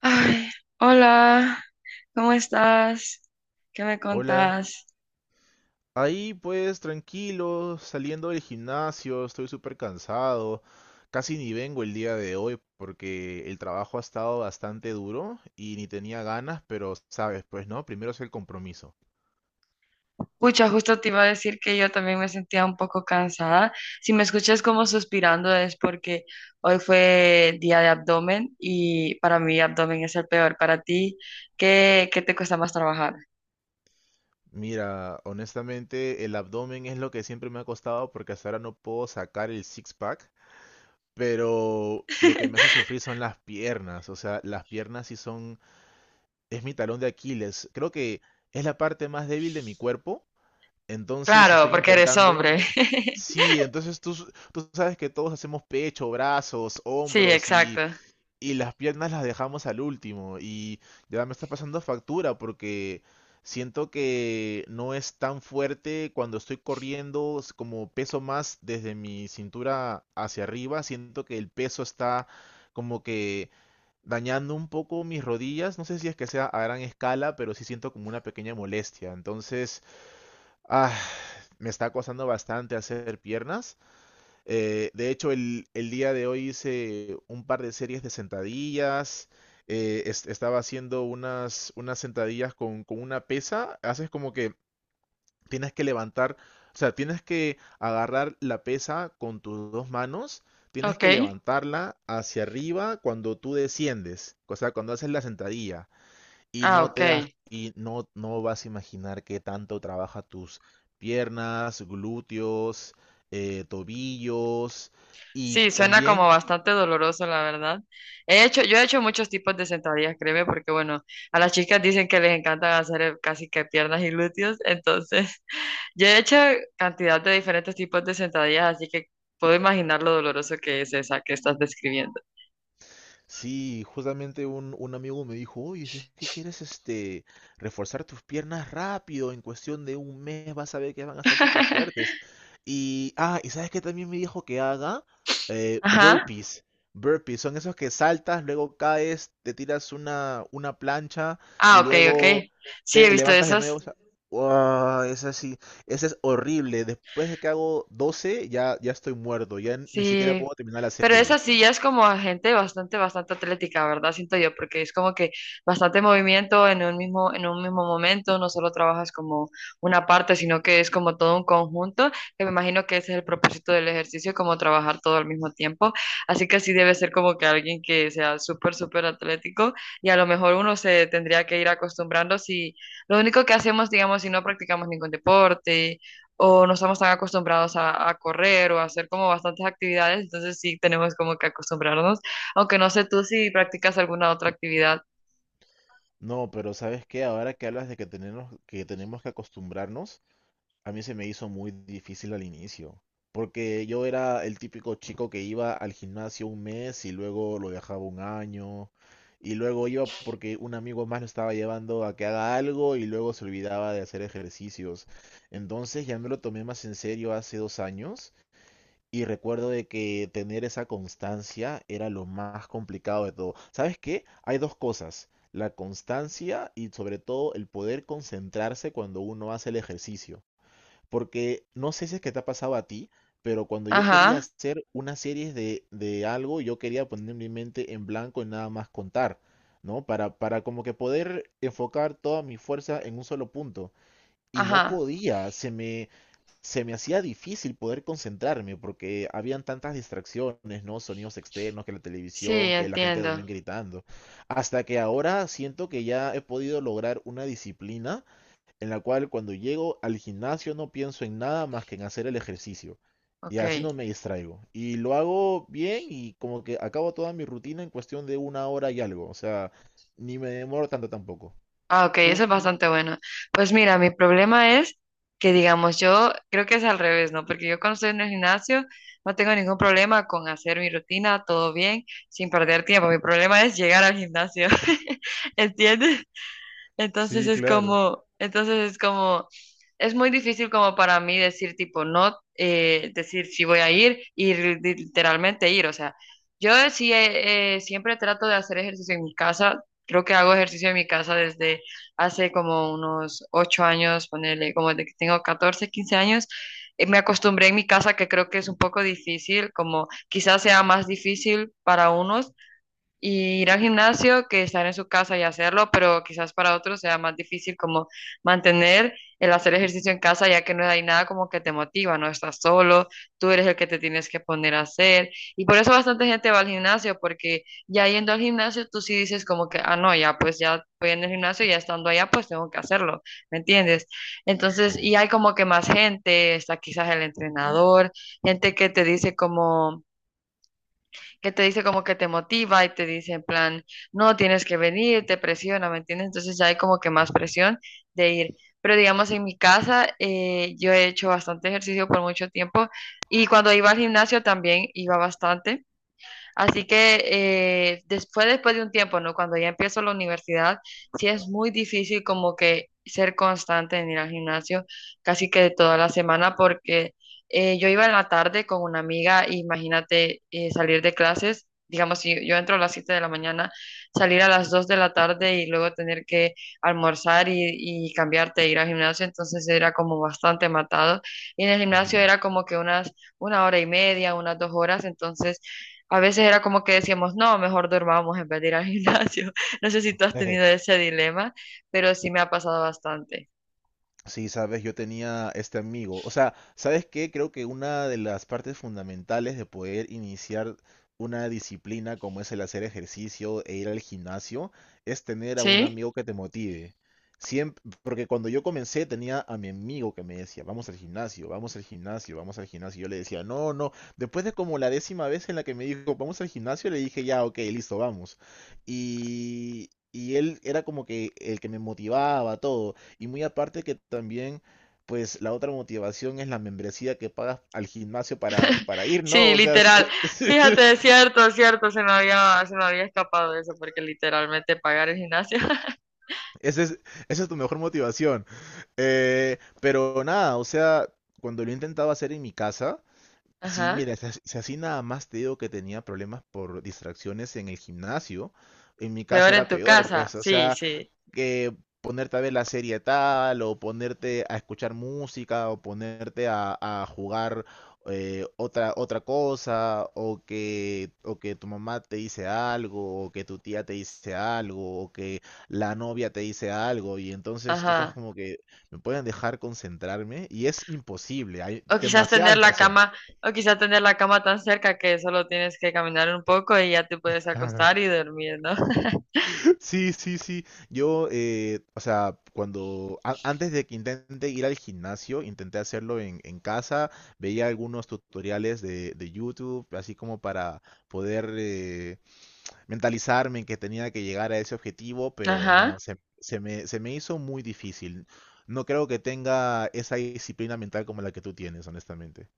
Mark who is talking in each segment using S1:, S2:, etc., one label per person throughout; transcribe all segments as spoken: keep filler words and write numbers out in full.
S1: Ay, hola, ¿cómo estás? ¿Qué me
S2: Hola.
S1: contás?
S2: Ahí pues tranquilo, saliendo del gimnasio, estoy súper cansado. Casi ni vengo el día de hoy porque el trabajo ha estado bastante duro y ni tenía ganas, pero sabes, pues no, primero es el compromiso.
S1: Pucha, justo te iba a decir que yo también me sentía un poco cansada. Si me escuchas como suspirando es porque hoy fue día de abdomen y para mí abdomen es el peor. Para ti, ¿qué, qué te cuesta más trabajar?
S2: Mira, honestamente el abdomen es lo que siempre me ha costado porque hasta ahora no puedo sacar el six-pack, pero lo que me hace sufrir son las piernas, o sea, las piernas sí son, es mi talón de Aquiles. Creo que es la parte más débil de mi cuerpo. Entonces, si
S1: Claro,
S2: estoy
S1: porque eres
S2: intentando,
S1: hombre.
S2: sí, entonces tú, s- tú sabes que todos hacemos pecho, brazos,
S1: Sí,
S2: hombros
S1: exacto.
S2: y, y las piernas las dejamos al último. Y ya me está pasando factura porque siento que no es tan fuerte cuando estoy corriendo, s- como peso más desde mi cintura hacia arriba, siento que el peso está como que dañando un poco mis rodillas. No sé si es que sea a gran escala, pero sí siento como una pequeña molestia. Entonces. Ah, me está costando bastante hacer piernas. Eh, de hecho, el, el día de hoy hice un par de series de sentadillas. eh, es- estaba haciendo unas, unas sentadillas con, con una pesa. Haces como que tienes que levantar, o sea, tienes que agarrar la pesa con tus dos manos. Tienes
S1: Ok.
S2: que levantarla hacia arriba cuando tú desciendes, o sea, cuando haces la sentadilla y
S1: Ah,
S2: no
S1: ok.
S2: te das y no, no vas a imaginar qué tanto trabaja tus piernas, glúteos, eh, tobillos y
S1: Sí, suena como
S2: también.
S1: bastante doloroso, la verdad. He hecho, yo he hecho muchos tipos de sentadillas, créeme, porque bueno, a las chicas dicen que les encanta hacer eh, casi que piernas y glúteos, entonces yo he hecho cantidad de diferentes tipos de sentadillas, así que puedo imaginar lo doloroso que es esa que estás describiendo.
S2: Sí, justamente un, un amigo me dijo, oye, si es que quieres este, reforzar tus piernas rápido, en cuestión de un mes vas a ver que van a estar súper fuertes. Y, ah, y sabes que también me dijo que haga Eh,
S1: Ajá.
S2: burpees. Burpees son esos que saltas, luego caes, te tiras una, una plancha
S1: Ah,
S2: y
S1: ok,
S2: luego
S1: ok. Sí, he
S2: te
S1: visto
S2: levantas de
S1: esas.
S2: nuevo. O sea, ¡guau!, es así, ese es horrible. Después de que hago doce, ya, ya estoy muerto, ya ni siquiera
S1: Sí,
S2: puedo terminar la
S1: pero
S2: serie.
S1: esa sí ya es como gente bastante, bastante atlética, ¿verdad? Siento yo, porque es como que bastante movimiento en un mismo, en un mismo momento, no solo trabajas como una parte, sino que es como todo un conjunto, que me imagino que ese es el propósito del ejercicio, como trabajar todo al mismo tiempo. Así que sí debe ser como que alguien que sea súper, súper atlético y a lo mejor uno se tendría que ir acostumbrando si lo único que hacemos, digamos, si no practicamos ningún deporte o no estamos tan acostumbrados a, a correr o a hacer como bastantes actividades, entonces sí tenemos como que acostumbrarnos, aunque no sé tú si practicas alguna otra actividad.
S2: No, pero ¿sabes qué? Ahora que hablas de que tenemos, que tenemos que acostumbrarnos, a mí se me hizo muy difícil al inicio, porque yo era el típico chico que iba al gimnasio un mes y luego lo dejaba un año, y luego iba porque un amigo más lo estaba llevando a que haga algo y luego se olvidaba de hacer ejercicios. Entonces ya me lo tomé más en serio hace dos años y recuerdo de que tener esa constancia era lo más complicado de todo. ¿Sabes qué? Hay dos cosas, la constancia y sobre todo el poder concentrarse cuando uno hace el ejercicio. Porque no sé si es que te ha pasado a ti, pero cuando yo quería
S1: Ajá,
S2: hacer una serie de, de algo, yo quería poner mi mente en blanco y nada más contar, ¿no? Para, para como que poder enfocar toda mi fuerza en un solo punto. Y no
S1: ajá,
S2: podía, se me, se me hacía difícil poder concentrarme porque habían tantas distracciones, ¿no? Sonidos externos, que la
S1: sí,
S2: televisión, que la gente también
S1: entiendo.
S2: gritando. Hasta que ahora siento que ya he podido lograr una disciplina en la cual cuando llego al gimnasio no pienso en nada más que en hacer el ejercicio. Y
S1: Ok.
S2: así no me distraigo. Y lo hago bien y como que acabo toda mi rutina en cuestión de una hora y algo. O sea, ni me demoro tanto tampoco.
S1: Ah, ok,
S2: ¿Tú?
S1: eso es bastante bueno. Pues mira, mi problema es que, digamos, yo creo que es al revés, ¿no? Porque yo cuando estoy en el gimnasio no tengo ningún problema con hacer mi rutina, todo bien, sin perder tiempo. Mi problema es llegar al gimnasio, ¿entiendes? Entonces
S2: Sí,
S1: es
S2: claro.
S1: como, entonces es como, es muy difícil como para mí decir tipo no, eh, decir si voy a ir, ir literalmente ir. O sea, yo sí eh, eh, siempre trato de hacer ejercicio en mi casa. Creo que hago ejercicio en mi casa desde hace como unos ocho años, ponerle como de que tengo catorce quince años. Eh, Me acostumbré en mi casa, que creo que es un poco difícil, como quizás sea más difícil para unos, y ir al gimnasio que estar en su casa y hacerlo, pero quizás para otros sea más difícil como mantener el hacer ejercicio en casa, ya que no hay nada como que te motiva, no estás solo, tú eres el que te tienes que poner a hacer. Y por eso bastante gente va al gimnasio, porque ya yendo al gimnasio tú sí dices como que, ah, no, ya pues ya voy en el gimnasio, ya estando allá pues tengo que hacerlo, ¿me entiendes? Entonces, y
S2: Sí.
S1: hay como que más gente, está quizás el entrenador, gente que te dice como que te dice como que te motiva y te dice en plan, no, tienes que venir, te presiona, ¿me entiendes? Entonces ya hay como que más
S2: Ujú.
S1: presión de ir. Pero digamos, en mi casa eh, yo he hecho bastante ejercicio por mucho tiempo y cuando iba al gimnasio también iba bastante. Así que eh, después, después de un tiempo, ¿no? Cuando ya empiezo la universidad, sí es muy difícil como que ser constante en ir al gimnasio casi que toda la semana porque eh, yo iba en la tarde con una amiga, imagínate eh, salir de clases, digamos, si yo entro a las siete de la mañana, salir a las dos de la tarde y luego tener que almorzar y, y cambiarte, e ir al gimnasio, entonces era como bastante matado. Y en el gimnasio
S2: Ujú.
S1: era como que unas una hora y media, unas dos horas, entonces a veces era como que decíamos, no, mejor durmamos en vez de ir al gimnasio. No sé si tú has tenido ese dilema, pero sí me ha pasado bastante.
S2: Sí, sabes, yo tenía este amigo. O sea, ¿sabes qué? Creo que una de las partes fundamentales de poder iniciar una disciplina como es el hacer ejercicio e ir al gimnasio es tener a un
S1: ¿Sí?
S2: amigo que te motive. Siempre, porque cuando yo comencé tenía a mi amigo que me decía, vamos al gimnasio, vamos al gimnasio, vamos al gimnasio. Y yo le decía, no, no. Después de como la décima vez en la que me dijo, vamos al gimnasio, le dije, ya, ok, listo, vamos. Y, y él era como que el que me motivaba, todo. Y muy aparte que también, pues la otra motivación es la membresía que pagas al gimnasio para, para ir, ¿no?
S1: Sí,
S2: O sea, sí-
S1: literal. Fíjate, es cierto, es cierto, se me había, se me había escapado eso, porque literalmente pagar el gimnasio.
S2: ese es- esa es tu mejor motivación. Eh, pero nada, o sea, cuando lo intentaba hacer en mi casa, sí,
S1: Ajá.
S2: mira, si as- si así nada más te digo que tenía problemas por distracciones en el gimnasio, en mi casa
S1: Peor en
S2: era
S1: tu
S2: peor,
S1: casa.
S2: pues, o
S1: Sí,
S2: sea,
S1: sí.
S2: que ponerte a ver la serie tal, o ponerte a escuchar música, o ponerte a, a jugar eh, otra, otra cosa, o que, o que tu mamá te dice algo, o que tu tía te dice algo, o que la novia te dice algo, y entonces tú estás
S1: Ajá.
S2: como que me pueden dejar concentrarme, y es imposible, hay
S1: O quizás
S2: demasiada
S1: tener la
S2: distracción.
S1: cama, o quizás tener la cama tan cerca que solo tienes que caminar un poco y ya te puedes acostar y dormir, ¿no?
S2: Sí, sí, sí. Yo, eh, o sea, cuando a- antes de que intente ir al gimnasio, intenté hacerlo en, en casa, veía algunos tutoriales de, de YouTube, así como para poder eh, mentalizarme en que tenía que llegar a ese objetivo, pero no,
S1: Ajá.
S2: se, se me, se me hizo muy difícil. No creo que tenga esa disciplina mental como la que tú tienes, honestamente.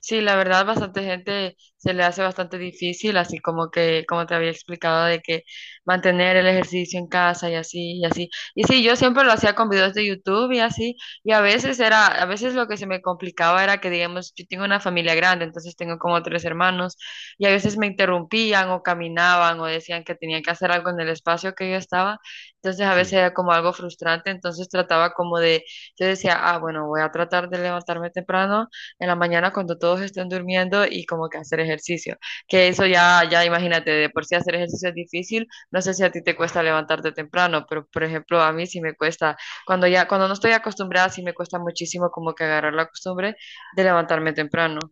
S1: Sí, la verdad, bastante gente se le hace bastante difícil, así como que, como te había explicado, de que mantener el ejercicio en casa y así, y así. Y sí, yo siempre lo hacía con videos de YouTube y así, y a veces era, a veces lo que se me complicaba era que, digamos, yo tengo una familia grande, entonces tengo como tres hermanos, y a veces me interrumpían o caminaban o decían que tenía que hacer algo en el espacio que yo estaba, entonces a veces
S2: Sí.
S1: era como algo frustrante, entonces trataba como de, yo decía, ah, bueno, voy a tratar de levantarme temprano en la mañana cuando todos estén durmiendo y como que hacer ejercicio. Que eso ya, ya imagínate, de por sí hacer ejercicio es difícil. No sé si a ti te cuesta levantarte temprano, pero por ejemplo a mí sí me cuesta, cuando ya, cuando no estoy acostumbrada, sí me cuesta muchísimo como que agarrar la costumbre de levantarme temprano.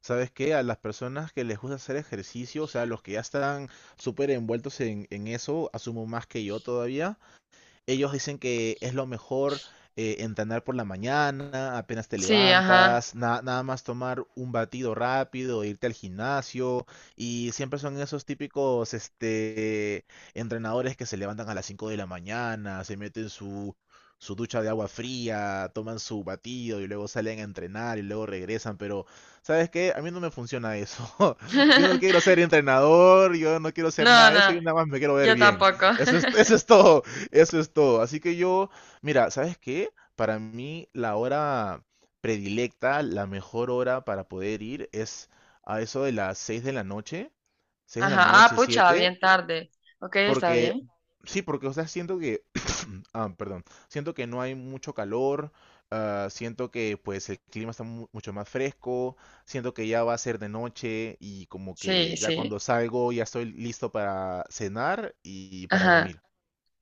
S2: ¿Sabes qué? A las personas que les gusta hacer ejercicio, o sea, los que ya están súper envueltos en, en eso, asumo más que yo todavía, ellos dicen que es lo mejor eh, entrenar por la mañana, apenas te
S1: Sí, ajá.
S2: levantas, na- nada más tomar un batido rápido, irte al gimnasio. Y siempre son esos típicos este, entrenadores que se levantan a las cinco de la mañana, se meten su, su ducha de agua fría, toman su batido y luego salen a entrenar y luego regresan. Pero, ¿sabes qué? A mí no me funciona eso. Yo no quiero ser entrenador, yo no quiero ser
S1: No,
S2: nada de
S1: no,
S2: eso, yo nada más me quiero ver
S1: yo
S2: bien.
S1: tampoco.
S2: Eso es, eso es todo. Eso es todo. Así que yo, mira, ¿sabes qué? Para mí la hora predilecta, la mejor hora para poder ir es a eso de las seis de la noche, seis de la
S1: Ajá, ah,
S2: noche,
S1: pucha,
S2: siete,
S1: bien tarde. Ok, está
S2: porque
S1: bien.
S2: sí, porque o sea, siento que, ah, perdón, siento que no hay mucho calor, ah, siento que pues el clima está mu- mucho más fresco, siento que ya va a ser de noche y como
S1: Sí,
S2: que ya
S1: sí.
S2: cuando salgo ya estoy listo para cenar y para
S1: Ajá.
S2: dormir.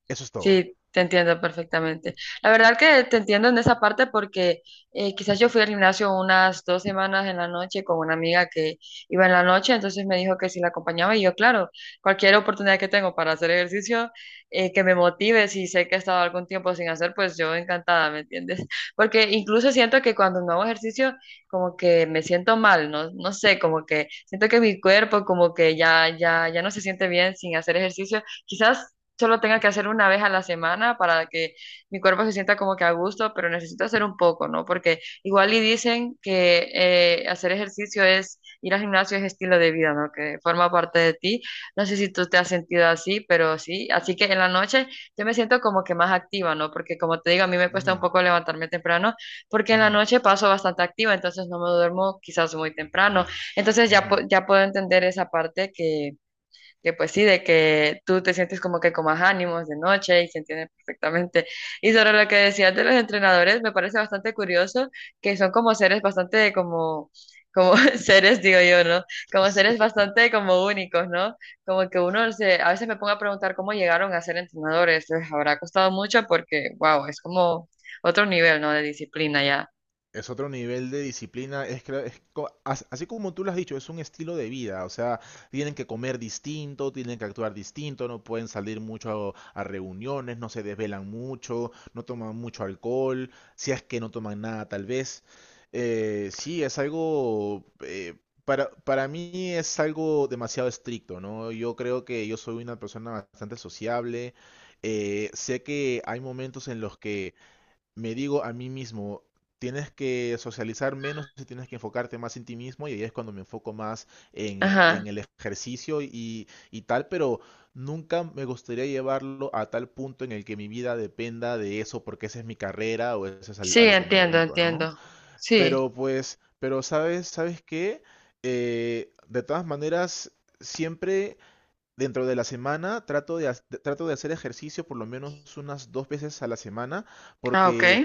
S2: Eso es todo.
S1: Sí, te entiendo perfectamente. La verdad que te entiendo en esa parte porque eh, quizás yo fui al gimnasio unas dos semanas en la noche con una amiga que iba en la noche, entonces me dijo que si la acompañaba y yo, claro, cualquier oportunidad que tengo para hacer ejercicio eh, que me motive, si sé que he estado algún tiempo sin hacer, pues yo encantada, ¿me entiendes? Porque incluso siento que cuando no hago ejercicio, como que me siento mal, no, no sé, como que siento que mi cuerpo como que ya, ya, ya no se siente bien sin hacer ejercicio. Quizás solo tenga que hacer una vez a la semana para que mi cuerpo se sienta como que a gusto, pero necesito hacer un poco, ¿no? Porque igual y dicen que eh, hacer ejercicio es, ir al gimnasio es estilo de vida, ¿no? Que forma parte de ti. No sé si tú te has sentido así, pero sí. Así que en la noche yo me siento como que más activa, ¿no? Porque como te digo, a mí me cuesta un
S2: Ujú,
S1: poco levantarme temprano, porque en la
S2: ujú.
S1: noche paso bastante activa, entonces no me duermo quizás muy temprano. Entonces ya, po-
S2: Ujú.
S1: ya puedo entender esa parte que que pues sí, de que tú te sientes como que con más ánimos de noche y se entiende perfectamente. Y sobre lo que decías de los entrenadores, me parece bastante curioso que son como seres bastante como, como seres, digo yo, ¿no? Como
S2: Es,
S1: seres bastante como únicos, ¿no? Como que uno se, a veces me pongo a preguntar cómo llegaron a ser entrenadores, les habrá costado mucho porque, wow, es como otro nivel, ¿no? De disciplina ya.
S2: es otro nivel de disciplina, es, que- es co- as- así como tú lo has dicho, es un estilo de vida, o sea, tienen que comer distinto, tienen que actuar distinto, no pueden salir mucho a, a reuniones, no se desvelan mucho, no toman mucho alcohol, si es que no toman nada tal vez. Eh, sí, es algo, eh, para, para mí es algo demasiado estricto, ¿no? Yo creo que yo soy una persona bastante sociable, eh, sé que hay momentos en los que me digo a mí mismo, tienes que socializar menos y tienes que enfocarte más en ti mismo y ahí es cuando me enfoco más en, en
S1: Ajá.
S2: el ejercicio y, y tal, pero nunca me gustaría llevarlo a tal punto en el que mi vida dependa de eso porque esa es mi carrera o eso es al-
S1: Sí,
S2: a, lo que me
S1: entiendo,
S2: dedico, ¿no?
S1: entiendo. Sí.
S2: Pero pues, pero sabes, ¿sabes qué? Eh, de todas maneras, siempre. Dentro de la semana trato de, ha- de- trato de hacer ejercicio por lo menos unas dos veces a la semana
S1: Ah, ok.
S2: porque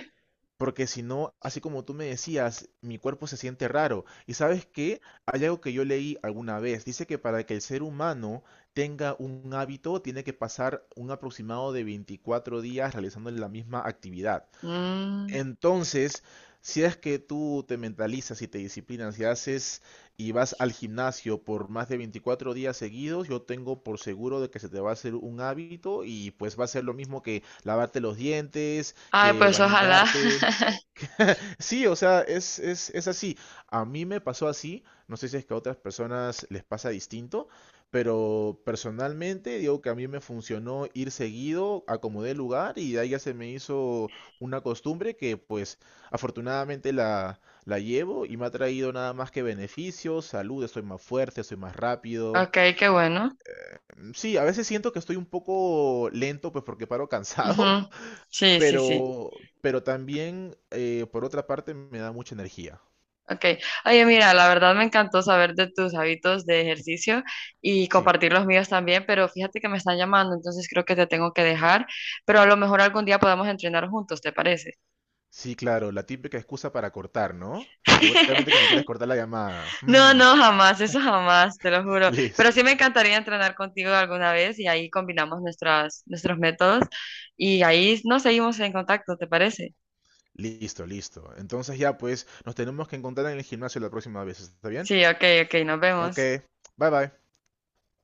S2: porque si no, así como tú me decías, mi cuerpo se siente raro. ¿Y sabes qué? Hay algo que yo leí alguna vez. Dice que para que el ser humano tenga un hábito, tiene que pasar un aproximado de veinticuatro días realizando la misma actividad.
S1: Mm.
S2: Entonces, si es que tú te mentalizas y te disciplinas y haces y vas al gimnasio por más de veinticuatro días seguidos, yo tengo por seguro de que se te va a hacer un hábito y pues va a ser lo mismo que lavarte los dientes,
S1: Ay,
S2: que
S1: pues ojalá.
S2: bañarte. Sí, o sea, es, es, es así. A mí me pasó así, no sé si es que a otras personas les pasa distinto, pero personalmente digo que a mí me funcionó ir seguido, acomodé el lugar y de ahí ya se me hizo una costumbre que pues afortunadamente la, la llevo y me ha traído nada más que beneficios, salud, estoy más fuerte, soy más rápido.
S1: Ok, qué bueno.
S2: Mm, sí, a veces siento que estoy un poco lento pues porque paro
S1: Ujú.
S2: cansado,
S1: Sí, sí, sí.
S2: pero, pero también eh, por otra parte me da mucha energía.
S1: Ok. Oye, mira, la verdad me encantó saber de tus hábitos de ejercicio y
S2: Sí.
S1: compartir los míos también, pero fíjate que me están llamando, entonces creo que te tengo que dejar, pero a lo mejor algún día podemos entrenar juntos, ¿te parece?
S2: Sí, claro, la típica excusa para cortar, ¿no? Seguramente que me quieres cortar la llamada.
S1: No,
S2: Mm.
S1: no, jamás, eso jamás, te lo juro. Pero
S2: Listo,
S1: sí me encantaría entrenar contigo alguna vez y ahí combinamos nuestras, nuestros métodos y ahí nos seguimos en contacto, ¿te parece?
S2: listo, listo. Entonces ya, pues, nos tenemos que encontrar en el gimnasio la próxima vez, ¿está bien?
S1: Sí, ok, ok, nos
S2: Ok,
S1: vemos.
S2: bye bye.